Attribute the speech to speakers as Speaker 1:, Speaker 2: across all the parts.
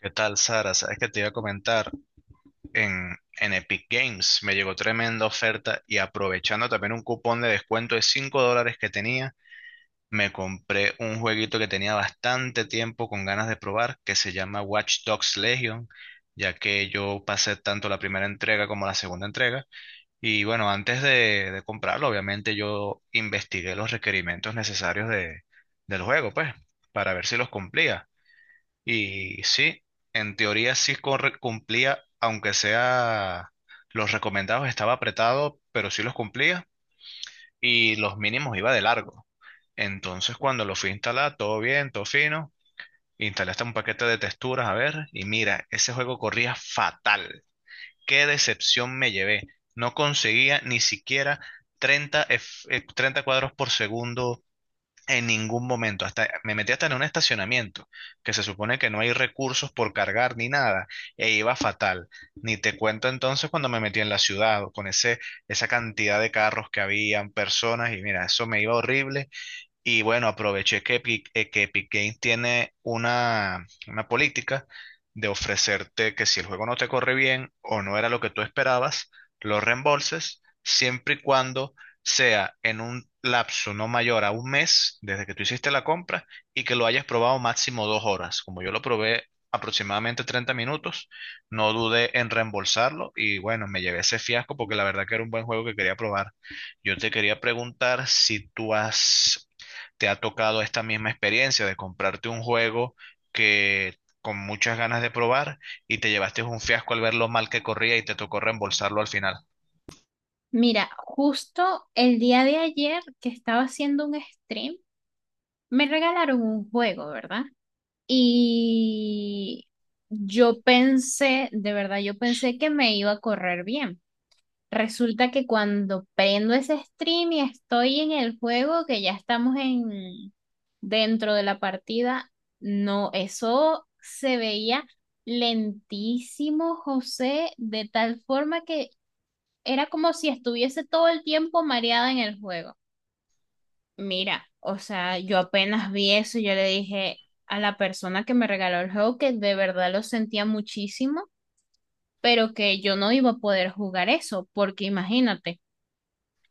Speaker 1: ¿Qué tal, Sara? Sabes que te iba a comentar, en Epic Games me llegó tremenda oferta y aprovechando también un cupón de descuento de $5 que tenía, me compré un jueguito que tenía bastante tiempo con ganas de probar, que se llama Watch Dogs Legion, ya que yo pasé tanto la primera entrega como la segunda entrega. Y bueno, antes de comprarlo, obviamente yo investigué los requerimientos necesarios del juego, pues, para ver si los cumplía. Y sí, en teoría cumplía, aunque sea los recomendados estaba apretado, pero sí los cumplía y los mínimos iba de largo. Entonces cuando lo fui a instalar, todo bien, todo fino, instalé hasta un paquete de texturas, a ver, y mira, ese juego corría fatal. Qué decepción me llevé. No conseguía ni siquiera 30 cuadros por segundo en ningún momento, hasta me metí hasta en un estacionamiento, que se supone que no hay recursos por cargar ni nada, e iba fatal. Ni te cuento entonces cuando me metí en la ciudad, esa cantidad de carros que habían, personas, y mira, eso me iba horrible. Y bueno, aproveché que Epic Games tiene una política de ofrecerte que si el juego no te corre bien o no era lo que tú esperabas, lo reembolses siempre y cuando sea en un lapso no mayor a 1 mes desde que tú hiciste la compra y que lo hayas probado máximo 2 horas. Como yo lo probé aproximadamente 30 minutos, no dudé en reembolsarlo y bueno, me llevé ese fiasco porque la verdad que era un buen juego que quería probar. Yo te quería preguntar si tú has te ha tocado esta misma experiencia de comprarte un juego que con muchas ganas de probar y te llevaste un fiasco al ver lo mal que corría y te tocó reembolsarlo al final.
Speaker 2: Mira, justo el día de ayer que estaba haciendo un stream, me regalaron un juego, ¿verdad? Y yo pensé, de verdad, yo pensé que me iba a correr bien. Resulta que cuando prendo ese stream y estoy en el juego, que ya estamos en dentro de la partida, no, eso se veía lentísimo, José, de tal forma que era como si estuviese todo el tiempo mareada en el juego. Mira, o sea, yo apenas vi eso, yo le dije a la persona que me regaló el juego que de verdad lo sentía muchísimo, pero que yo no iba a poder jugar eso, porque imagínate,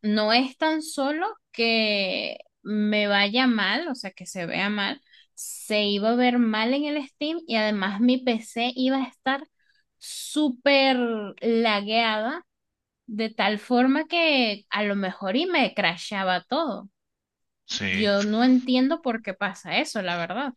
Speaker 2: no es tan solo que me vaya mal, o sea, que se vea mal, se iba a ver mal en el Steam y además mi PC iba a estar súper lagueada de tal forma que a lo mejor y me crashaba todo.
Speaker 1: Sí,
Speaker 2: Yo no entiendo por qué pasa eso, la verdad.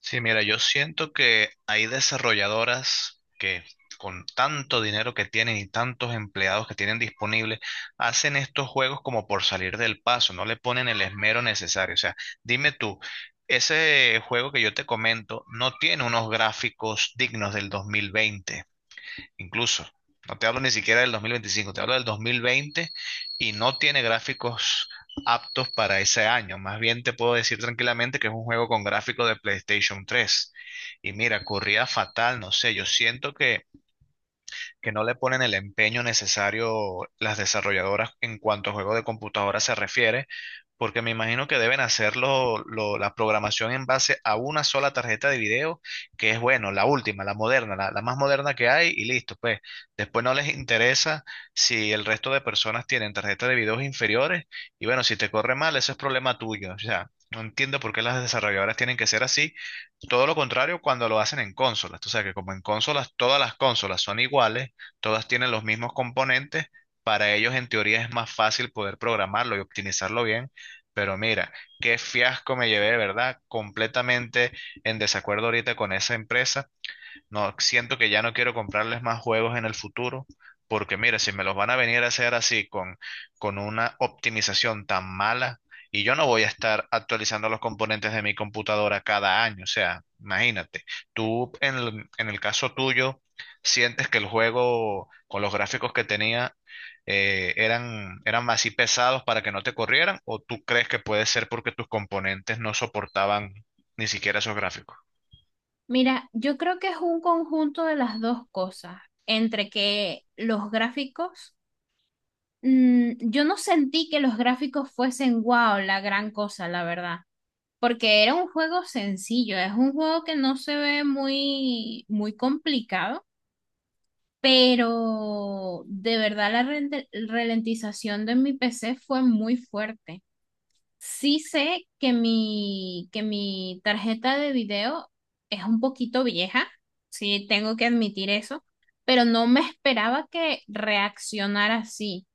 Speaker 1: sí, mira, yo siento que hay desarrolladoras que con tanto dinero que tienen y tantos empleados que tienen disponibles, hacen estos juegos como por salir del paso, no le ponen el esmero necesario. O sea, dime tú, ese juego que yo te comento no tiene unos gráficos dignos del 2020, incluso. No te hablo ni siquiera del 2025, te hablo del 2020 y no tiene gráficos aptos para ese año. Más bien te puedo decir tranquilamente que es un juego con gráficos de PlayStation 3. Y mira, corría fatal, no sé, yo siento que no le ponen el empeño necesario las desarrolladoras en cuanto a juego de computadora se refiere, porque me imagino que deben hacer la programación en base a una sola tarjeta de video, que es bueno, la última, la moderna, la más moderna que hay y listo, pues después no les interesa si el resto de personas tienen tarjetas de videos inferiores y bueno, si te corre mal, eso es problema tuyo, o sea. No entiendo por qué las desarrolladoras tienen que ser así. Todo lo contrario cuando lo hacen en consolas. Tú sabes que como en consolas, todas las consolas son iguales, todas tienen los mismos componentes, para ellos en teoría es más fácil poder programarlo y optimizarlo bien, pero mira, qué fiasco me llevé, ¿verdad? Completamente en desacuerdo ahorita con esa empresa. No, siento que ya no quiero comprarles más juegos en el futuro, porque mira, si me los van a venir a hacer así con una optimización tan mala, y yo no voy a estar actualizando los componentes de mi computadora cada año, o sea, imagínate, tú en el caso tuyo, ¿sientes que el juego con los gráficos que tenía eran así pesados para que no te corrieran, o tú crees que puede ser porque tus componentes no soportaban ni siquiera esos gráficos?
Speaker 2: Mira, yo creo que es un conjunto de las dos cosas, entre que los gráficos, yo no sentí que los gráficos fuesen wow, la gran cosa, la verdad, porque era un juego sencillo, es un juego que no se ve muy, muy complicado, pero de verdad la ralentización de mi PC fue muy fuerte. Sí sé que mi tarjeta de video es un poquito vieja, sí tengo que admitir eso, pero no me esperaba que reaccionara así.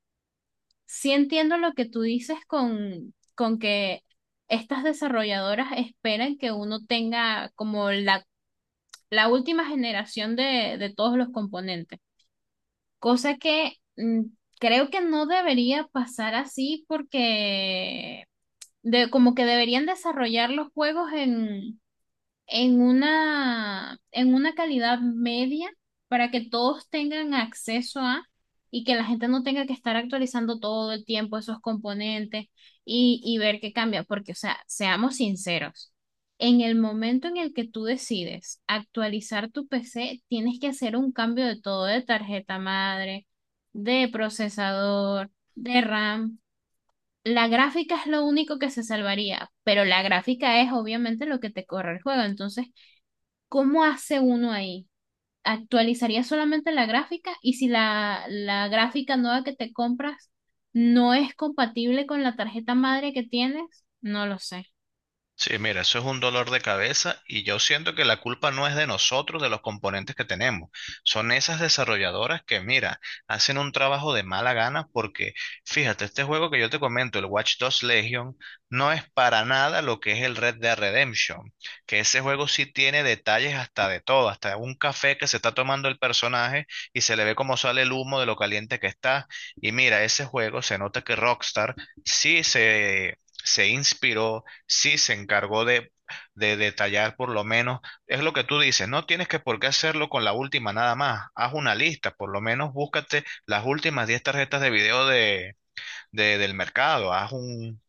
Speaker 2: Sí entiendo lo que tú dices con que estas desarrolladoras esperan que uno tenga como la última generación de todos los componentes, cosa que creo que no debería pasar así porque de como que deberían desarrollar los juegos en una calidad media para que todos tengan acceso a y que la gente no tenga que estar actualizando todo el tiempo esos componentes y ver qué cambia, porque, o sea, seamos sinceros. En el momento en el que tú decides actualizar tu PC, tienes que hacer un cambio de todo, de tarjeta madre, de procesador, de RAM, la gráfica es lo único que se salvaría, pero la gráfica es obviamente lo que te corre el juego. Entonces, ¿cómo hace uno ahí? ¿Actualizaría solamente la gráfica? Y si la gráfica nueva que te compras no es compatible con la tarjeta madre que tienes, no lo sé.
Speaker 1: Sí, mira, eso es un dolor de cabeza y yo siento que la culpa no es de nosotros, de los componentes que tenemos. Son esas desarrolladoras que, mira, hacen un trabajo de mala gana porque, fíjate, este juego que yo te comento, el Watch Dogs Legion, no es para nada lo que es el Red Dead Redemption, que ese juego sí tiene detalles hasta de todo, hasta un café que se está tomando el personaje y se le ve cómo sale el humo de lo caliente que está. Y mira, ese juego se nota que Rockstar sí se... se inspiró, sí se encargó de detallar. Por lo menos, es lo que tú dices, no tienes que por qué hacerlo con la última nada más, haz una lista, por lo menos búscate las últimas 10 tarjetas de video del mercado, haz un...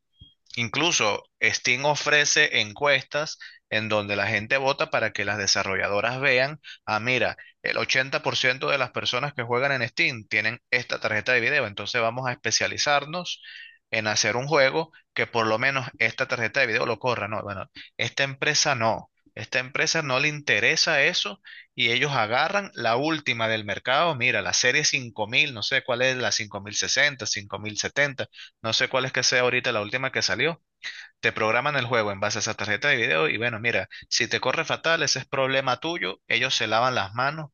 Speaker 1: Incluso Steam ofrece encuestas en donde la gente vota para que las desarrolladoras vean, ah, mira, el 80% de las personas que juegan en Steam tienen esta tarjeta de video, entonces vamos a especializarnos en hacer un juego que por lo menos esta tarjeta de video lo corra. No, bueno, esta empresa no. Esta empresa no le interesa eso y ellos agarran la última del mercado. Mira, la serie 5000, no sé cuál es, la 5060, 5070, no sé cuál es que sea ahorita la última que salió. Te programan el juego en base a esa tarjeta de video y bueno, mira, si te corre fatal, ese es problema tuyo. Ellos se lavan las manos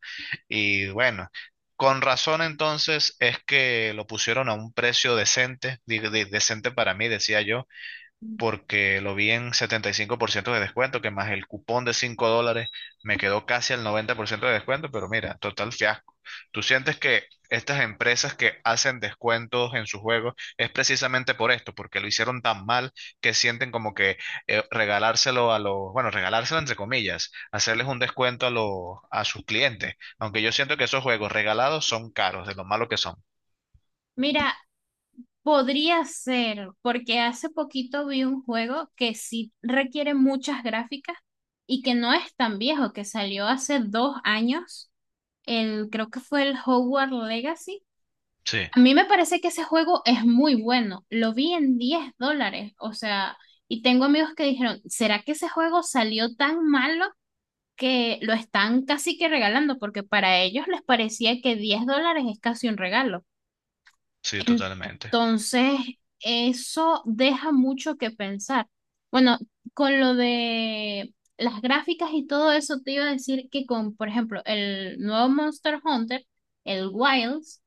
Speaker 1: y bueno, con razón entonces es que lo pusieron a un precio decente, decente para mí, decía yo porque lo vi en 75% de descuento, que más el cupón de $5 me quedó casi al 90% de descuento, pero mira, total fiasco. ¿Tú sientes que estas empresas que hacen descuentos en sus juegos es precisamente por esto, porque lo hicieron tan mal que sienten como que regalárselo a los, bueno, regalárselo entre comillas, hacerles un descuento a los, a sus clientes, aunque yo siento que esos juegos regalados son caros, de lo malo que son?
Speaker 2: Mira, podría ser, porque hace poquito vi un juego que sí requiere muchas gráficas y que no es tan viejo, que salió hace 2 años. El, creo que fue el Hogwarts Legacy.
Speaker 1: Sí,
Speaker 2: A mí me parece que ese juego es muy bueno. Lo vi en $10, o sea, y tengo amigos que dijeron, ¿será que ese juego salió tan malo que lo están casi que regalando? Porque para ellos les parecía que $10 es casi un regalo.
Speaker 1: sí, totalmente.
Speaker 2: Entonces, eso deja mucho que pensar. Bueno, con lo de las gráficas y todo eso, te iba a decir que con, por ejemplo, el nuevo Monster Hunter, el Wilds,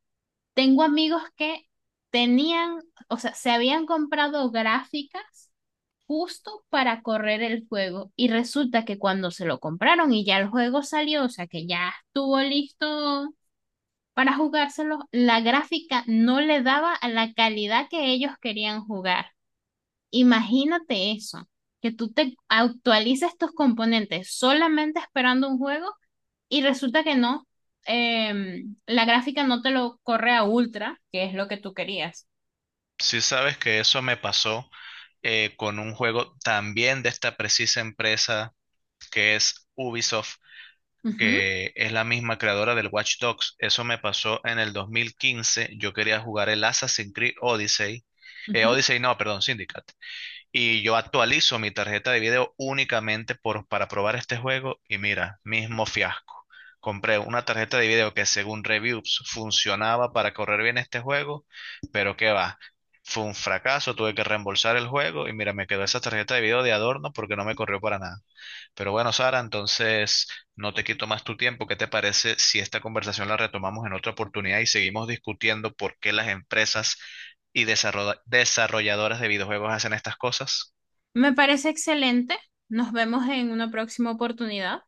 Speaker 2: tengo amigos que tenían, o sea, se habían comprado gráficas justo para correr el juego y resulta que cuando se lo compraron y ya el juego salió, o sea, que ya estuvo listo para jugárselo, la gráfica no le daba a la calidad que ellos querían jugar. Imagínate eso, que tú te actualices tus componentes solamente esperando un juego y resulta que no, la gráfica no te lo corre a ultra, que es lo que tú querías.
Speaker 1: Si sabes que eso me pasó, con un juego también de esta precisa empresa que es Ubisoft,
Speaker 2: Ujú,
Speaker 1: que es la misma creadora del Watch Dogs. Eso me pasó en el 2015. Yo quería jugar el Assassin's Creed Odyssey.
Speaker 2: ujú.
Speaker 1: Odyssey no, perdón, Syndicate. Y yo actualizo mi tarjeta de video únicamente para probar este juego y mira, mismo fiasco. Compré una tarjeta de video que según reviews funcionaba para correr bien este juego, pero qué va. Fue un fracaso, tuve que reembolsar el juego y mira, me quedó esa tarjeta de video de adorno porque no me corrió para nada. Pero bueno, Sara, entonces no te quito más tu tiempo. ¿Qué te parece si esta conversación la retomamos en otra oportunidad y seguimos discutiendo por qué las empresas y desarrolladoras de videojuegos hacen estas cosas?
Speaker 2: Me parece excelente. Nos vemos en una próxima oportunidad.